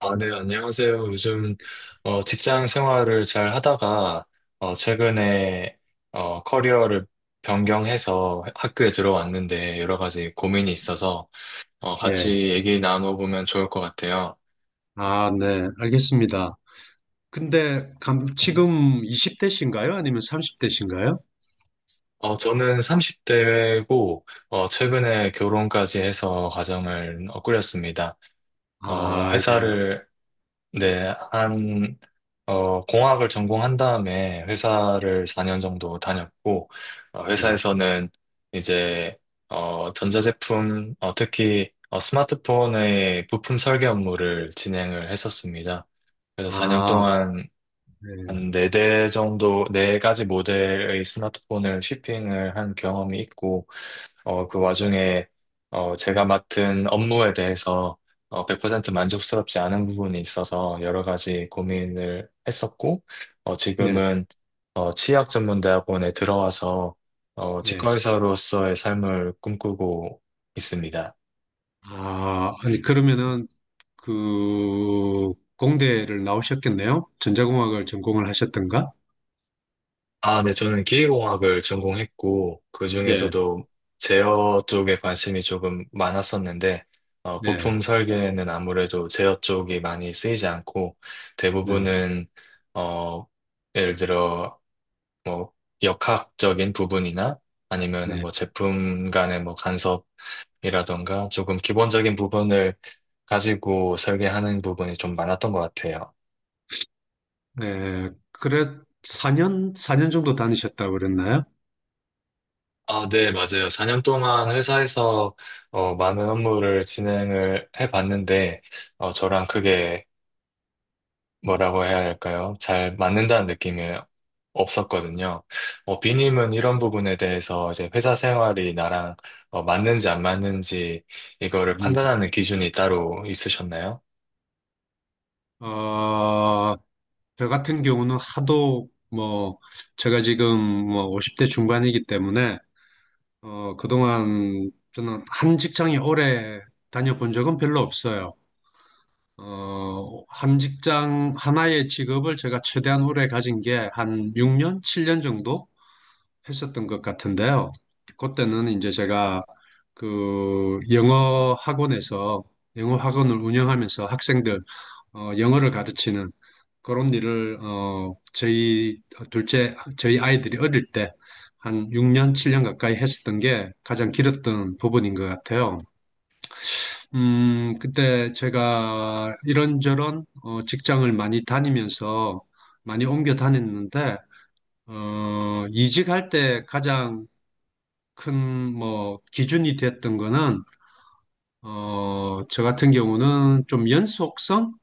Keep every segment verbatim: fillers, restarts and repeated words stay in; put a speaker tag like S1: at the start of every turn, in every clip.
S1: 아, 네, 안녕하세요. 요즘 어, 직장 생활을 잘 하다가 어, 최근에 어, 커리어를 변경해서 학교에 들어왔는데 여러 가지 고민이 있어서 어, 같이
S2: 예.
S1: 얘기 나눠보면 좋을 것 같아요.
S2: 아, 네. 알겠습니다. 근데 감, 지금 이십 대신가요? 아니면 삼십 대신가요?
S1: 어, 저는 삼십 대고 최근에 결혼까지 해서 가정을 어, 꾸렸습니다. 어,
S2: 아, 예.
S1: 회사를 네, 한, 어, 공학을 전공한 다음에 회사를 사 년 정도 다녔고, 어,
S2: 예.
S1: 회사에서는 이제, 어, 전자제품, 어, 특히, 어, 스마트폰의 부품 설계 업무를 진행을 했었습니다. 그래서 사 년
S2: 아,
S1: 동안 한
S2: 예.
S1: 네 대 정도, 네 가지 모델의 스마트폰을 shipping을 한 경험이 있고, 어, 그 와중에 어, 제가 맡은 업무에 대해서 어, 백 퍼센트 만족스럽지 않은 부분이 있어서 여러 가지 고민을 했었고, 어,
S2: 예.
S1: 지금은 어, 치의학전문대학원에 들어와서 어,
S2: 예.
S1: 치과의사로서의 삶을 꿈꾸고 있습니다.
S2: 아, 아니, 그러면은 그 공대를 나오셨겠네요? 전자공학을 전공을 하셨던가?
S1: 아, 네, 저는 기계공학을 전공했고, 그
S2: 예.
S1: 중에서도 제어 쪽에 관심이 조금 많았었는데, 어,
S2: 네.
S1: 부품 설계는 아무래도 제어 쪽이 많이 쓰이지 않고,
S2: 네.
S1: 대부분은, 어, 예를 들어, 뭐, 역학적인 부분이나 아니면은
S2: 네.
S1: 뭐 제품 간의 뭐 간섭이라던가 조금 기본적인 부분을 가지고 설계하는 부분이 좀 많았던 것 같아요.
S2: 네. 그래 사 년 사 년 정도 다니셨다고 그랬나요?
S1: 아, 네, 맞아요. 사 년 동안 회사에서 어, 많은 업무를 진행을 해봤는데, 어, 저랑 그게 뭐라고 해야 할까요? 잘 맞는다는 느낌이 없었거든요. 어, 비님은 이런 부분에 대해서 이제 회사 생활이 나랑 어, 맞는지 안 맞는지 이거를
S2: 음.
S1: 판단하는 기준이 따로 있으셨나요?
S2: 어, 저 같은 경우는 하도 뭐 제가 지금 뭐 오십 대 중반이기 때문에 어 그동안 저는 한 직장이 오래 다녀본 적은 별로 없어요. 어 한 직장 하나의 직업을 제가 최대한 오래 가진 게 한 육 년, 칠 년 정도 했었던 것 같은데요. 그때는 이제 제가 그 영어 학원에서 영어 학원을 운영하면서 학생들 어, 영어를 가르치는 그런 일을 어 저희 둘째 저희 아이들이 어릴 때 한 육 년, 칠 년 가까이 했었던 게 가장 길었던 부분인 것 같아요. 음, 그때 제가 이런저런 어, 직장을 많이 다니면서 많이 옮겨 다녔는데 어, 이직할 때 가장 큰 뭐 기준이 됐던 거는 어, 저 같은 경우는 좀 연속성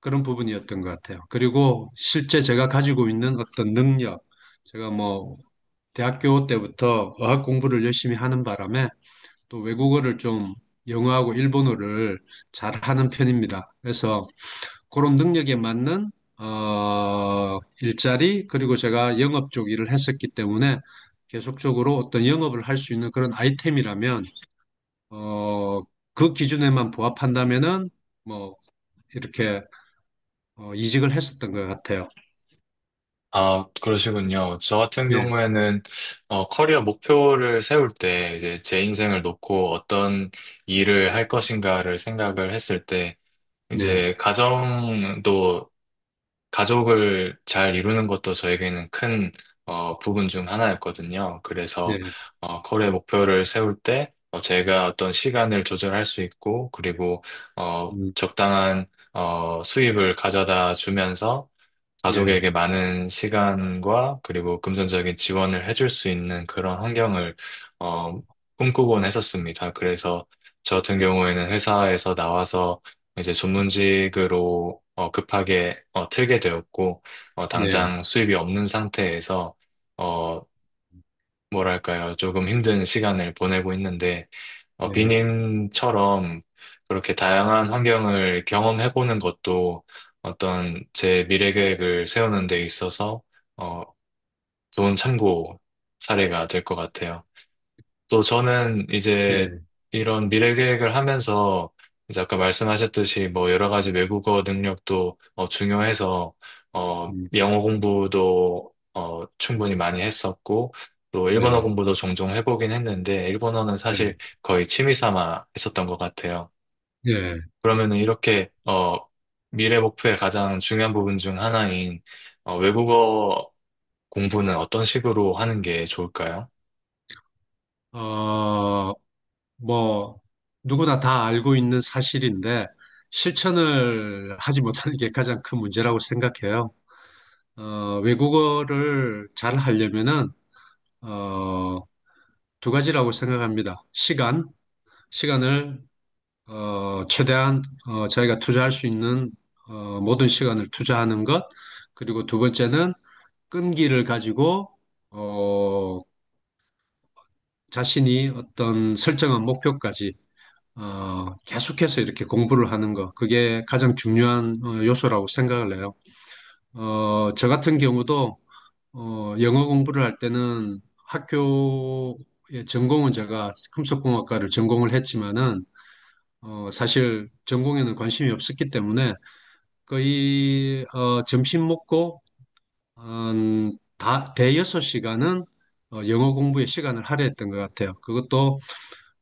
S2: 그런 부분이었던 것 같아요. 그리고 실제 제가 가지고 있는 어떤 능력, 제가 뭐 대학교 때부터 어학 공부를 열심히 하는 바람에 또 외국어를 좀 영어하고 일본어를 잘하는 편입니다. 그래서 그런 능력에 맞는 어, 일자리 그리고 제가 영업 쪽 일을 했었기 때문에 계속적으로 어떤 영업을 할 수 있는 그런 아이템이라면 어, 그 기준에만 부합한다면은 뭐 이렇게 어, 이직을 했었던 것 같아요.
S1: 아, 그러시군요. 저 같은
S2: 네,
S1: 경우에는, 어, 커리어 목표를 세울 때, 이제 제 인생을 놓고 어떤 일을 할 것인가를 생각을 했을 때,
S2: 네,
S1: 이제 가정도, 가족을 잘 이루는 것도 저에게는 큰, 어, 부분 중 하나였거든요. 그래서,
S2: 네,
S1: 어, 커리어 목표를 세울 때, 어, 제가 어떤 시간을 조절할 수 있고, 그리고, 어,
S2: 음,
S1: 적당한, 어, 수입을 가져다 주면서,
S2: 네,
S1: 가족에게 많은 시간과 그리고 금전적인 지원을 해줄 수 있는 그런 환경을 어, 꿈꾸곤 했었습니다. 그래서 저 같은 경우에는 회사에서 나와서 이제 전문직으로 어, 급하게 어, 틀게 되었고 어,
S2: 네,
S1: 당장 수입이 없는 상태에서 어, 뭐랄까요, 조금 힘든 시간을 보내고 있는데 어,
S2: 네,
S1: 비님처럼 그렇게 다양한 환경을 경험해보는 것도 어떤 제 미래 계획을 세우는 데 있어서 어, 좋은 참고 사례가 될 것 같아요. 또 저는 이제
S2: 네,
S1: 이런 미래 계획을 하면서 이제 아까 말씀하셨듯이 뭐 여러 가지 외국어 능력도 어, 중요해서 어,
S2: 음,
S1: 영어 공부도 어, 충분히 많이 했었고 또 일본어
S2: 네,
S1: 공부도 종종 해보긴 했는데 일본어는
S2: 네,
S1: 사실 거의 취미 삼아 했었던 것 같아요.
S2: 네.
S1: 그러면은 이렇게 어, 미래 목표의 가장 중요한 부분 중 하나인 어, 외국어 공부는 어떤 식으로 하는 게 좋을까요?
S2: 어, 뭐, 누구나 다 알고 있는 사실인데, 실천을 하지 못하는 게 가장 큰 문제라고 생각해요. 어, 외국어를 잘 하려면은, 어, 두 가지라고 생각합니다. 시간, 시간을, 어, 최대한, 어, 자기가 투자할 수 있는, 어, 모든 시간을 투자하는 것, 그리고 두 번째는, 끈기를 가지고 어, 자신이 어떤 설정한 목표까지 어, 계속해서 이렇게 공부를 하는 거 그게 가장 중요한 어, 요소라고 생각을 해요. 어, 저 같은 경우도 어, 영어 공부를 할 때는 학교의 전공은 제가 금속공학과를 전공을 했지만은 어, 사실 전공에는 관심이 없었기 때문에 거의 어, 점심 먹고 한 다, 대여섯 시간은 어, 영어 공부에 시간을 할애했던 것 같아요. 그것도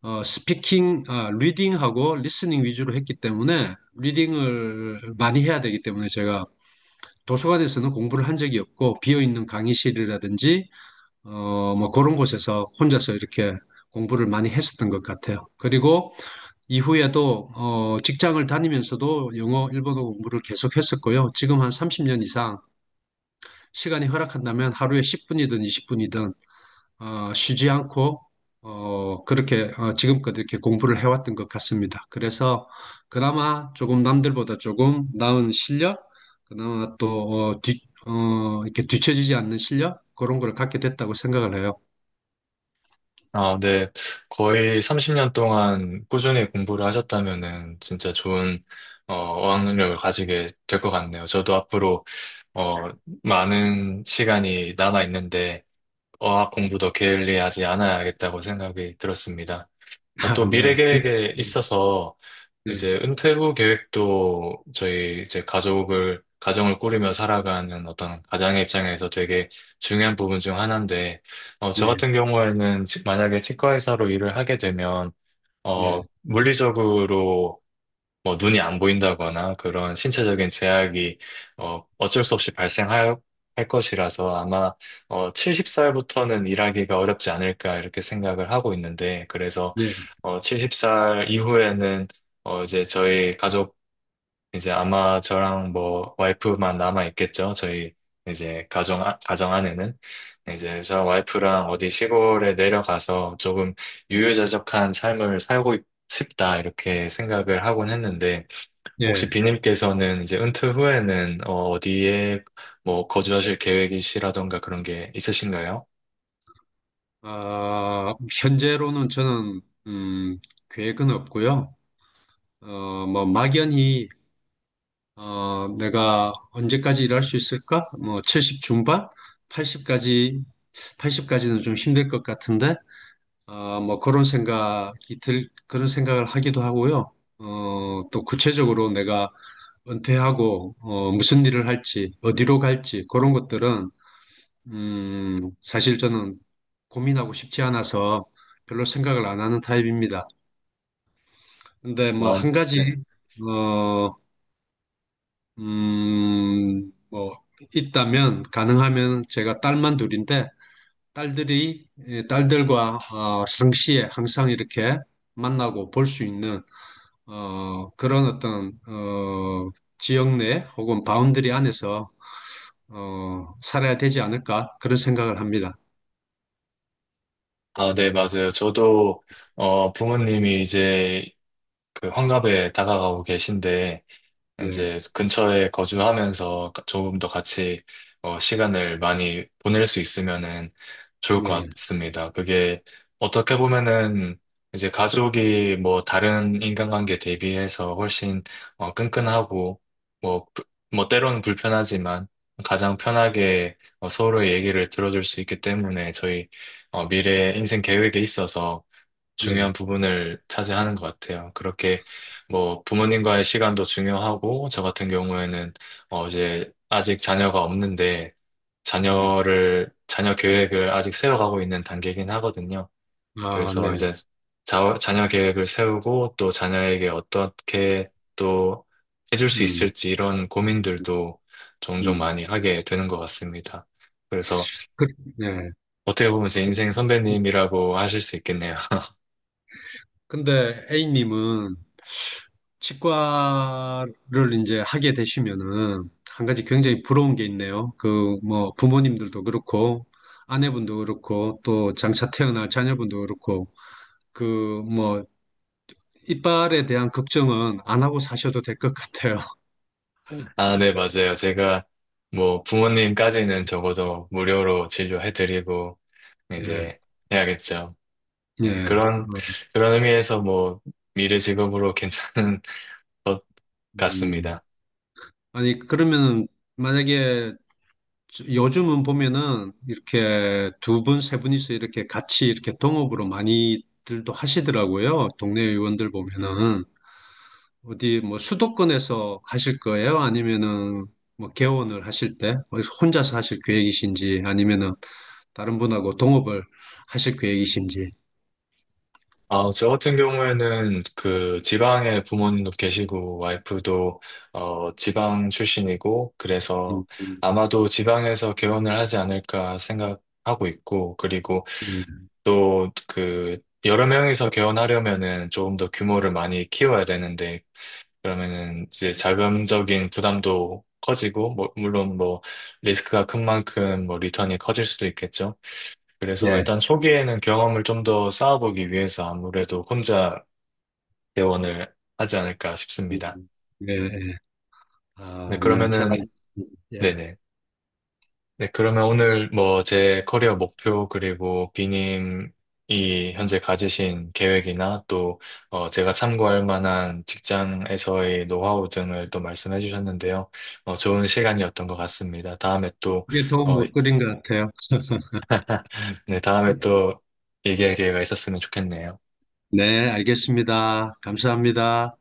S2: 어, 스피킹, 아, 리딩하고 리스닝 위주로 했기 때문에 리딩을 많이 해야 되기 때문에 제가 도서관에서는 공부를 한 적이 없고 비어있는 강의실이라든지 어, 뭐 그런 곳에서 혼자서 이렇게 공부를 많이 했었던 것 같아요. 그리고 이후에도 어, 직장을 다니면서도 영어, 일본어 공부를 계속 했었고요. 지금 한 삼십 년 이상 시간이 허락한다면 하루에 십 분이든 이십 분이든 어, 쉬지 않고 어, 그렇게 어, 지금껏 이렇게 공부를 해왔던 것 같습니다. 그래서 그나마 조금 남들보다 조금 나은 실력, 그나마 또 어, 뒤, 어, 이렇게 뒤처지지 않는 실력 그런 걸 갖게 됐다고 생각을 해요.
S1: 아, 네. 거의 삼십 년 동안 꾸준히 공부를 하셨다면은 진짜 좋은 어, 어학능력을 가지게 될 것 같네요. 저도 앞으로 어, 많은 시간이 남아 있는데 어학 공부도 게을리하지 않아야겠다고 생각이 들었습니다. 또
S2: 네.
S1: 미래 계획에
S2: 네,
S1: 있어서 이제 은퇴 후 계획도 저희 이제 가족을, 가정을 꾸리며 살아가는 어떤 가장의 입장에서 되게 중요한 부분 중 하나인데, 어, 저
S2: 네,
S1: 같은 경우에는 치- 만약에 치과 의사로 일을 하게 되면,
S2: 네,
S1: 어, 물리적으로 뭐 눈이 안 보인다거나 그런 신체적인 제약이 어, 어쩔 수 없이 발생할 할 것이라서 아마 어, 일흔 살부터는 일하기가 어렵지 않을까 이렇게 생각을 하고 있는데, 그래서
S2: 네,
S1: 어, 일흔 살 이후에는 어, 이제 저희 가족, 이제 아마 저랑 뭐 와이프만 남아 있겠죠. 저희 이제 가정 아- 가정 안에는 이제 저 와이프랑 어디 시골에 내려가서 조금 유유자적한 삶을 살고 싶다, 이렇게 생각을 하곤 했는데,
S2: 네.
S1: 혹시 비님께서는 이제 은퇴 후에는 어, 어디에 뭐 거주하실 계획이시라던가 그런 게 있으신가요?
S2: 아, 현재로는 저는 음, 계획은 없고요. 어, 뭐 막연히 어, 내가 언제까지 일할 수 있을까? 뭐, 칠십 중반? 팔십까지, 팔십까지는 좀 힘들 것 같은데, 어, 뭐, 그런 생각이 들, 그런 생각을 하기도 하고요. 어, 또 구체적으로 내가 은퇴하고, 어, 무슨 일을 할지, 어디로 갈지, 그런 것들은, 음, 사실 저는 고민하고 싶지 않아서 별로 생각을 안 하는 타입입니다. 근데 뭐,
S1: 아,
S2: 한
S1: 네.
S2: 가지, 어, 음, 뭐, 있다면, 가능하면 제가 딸만 둘인데, 딸들이, 예, 딸들과, 어, 상시에 항상 이렇게 만나고 볼 수 있는, 어, 그런 어떤, 어, 지역 내 혹은 바운드리 안에서, 어, 살아야 되지 않을까, 그런 생각을 합니다.
S1: 아, 네, 맞아요. 저도 어, 부모님이 이제 그 환갑에 다가가고 계신데
S2: 네,
S1: 이제 근처에 거주하면서 가- 조금 더 같이 어, 시간을 많이 보낼 수 있으면은 좋을 것
S2: 네,
S1: 같습니다. 그게 어떻게 보면은 이제 가족이 뭐 다른 인간관계 대비해서 훨씬 어, 끈끈하고, 뭐, 부- 뭐 때로는 불편하지만 가장 편하게 어, 서로의 얘기를 들어줄 수 있기 때문에 저희 어, 미래 인생 계획에 있어서
S2: 네,
S1: 중요한 부분을 차지하는 것 같아요. 그렇게 뭐 부모님과의 시간도 중요하고, 저 같은 경우에는 어 이제 아직 자녀가 없는데
S2: 네.
S1: 자녀를 자녀 계획을 아직 세워가고 있는 단계이긴 하거든요.
S2: 아,
S1: 그래서
S2: 네,
S1: 이제 자, 자녀 계획을 세우고 또 자녀에게 어떻게 또 해줄 수
S2: 음,
S1: 있을지 이런 고민들도 종종
S2: 음.
S1: 많이 하게 되는 것 같습니다. 그래서
S2: 그, 네.
S1: 어떻게 보면 제 인생 선배님이라고 하실 수 있겠네요.
S2: 근데 A님은 치과를 이제 하게 되시면은 한 가지 굉장히 부러운 게 있네요. 그 뭐 부모님들도 그렇고 아내분도 그렇고 또 장차 태어날 자녀분도 그렇고 그 뭐 이빨에 대한 걱정은 안 하고 사셔도 될 것 같아요.
S1: 아, 네, 맞아요. 제가 뭐 부모님까지는 적어도 무료로 진료해드리고
S2: 예,
S1: 이제 해야겠죠. 네,
S2: 예.
S1: 그런,
S2: 어,
S1: 그런 의미에서 뭐 미래 직업으로 괜찮은 것
S2: 음.
S1: 같습니다.
S2: 아니 그러면은 만약에 요즘은 보면은 이렇게 두 분, 세 분이서 이렇게 같이 이렇게 동업으로 많이들도 하시더라고요. 동네 의원들 보면은. 어디 뭐 수도권에서 하실 거예요? 아니면은 뭐 개원을 하실 때 어디서 혼자서 하실 계획이신지 아니면은 다른 분하고 동업을 하실 계획이신지.
S1: 아, 저 같은 경우에는 그 지방에 부모님도 계시고 와이프도 어, 지방 출신이고 그래서
S2: 음, 음,
S1: 아마도 지방에서 개원을 하지 않을까 생각하고 있고, 그리고
S2: 예,
S1: 또 그 여러 명이서 개원하려면은 조금 더 규모를 많이 키워야 되는데 그러면은 이제 자금적인 부담도 커지고, 뭐- 물론 뭐 리스크가 큰 만큼 뭐 리턴이 커질 수도 있겠죠. 그래서
S2: 예,
S1: 일단 초기에는 경험을 좀 더 쌓아보기 위해서 아무래도 혼자 개원을 하지 않을까 싶습니다.
S2: 음, 예, 예.
S1: 네,
S2: 아, 네, 잘,
S1: 그러면은
S2: 알- 예.
S1: 네네. 네, 그러면 오늘 뭐 제 커리어 목표 그리고 비님이 현재 가지신 계획이나 또 어, 제가 참고할 만한 직장에서의 노하우 등을 또 말씀해 주셨는데요. 어, 좋은 시간이었던 것 같습니다. 다음에 또,
S2: 그게 도움
S1: 어,
S2: 못 드린 것 같아요.
S1: 네, 다음에 또 얘기할 기회가 있었으면 좋겠네요.
S2: 네, 알겠습니다. 감사합니다.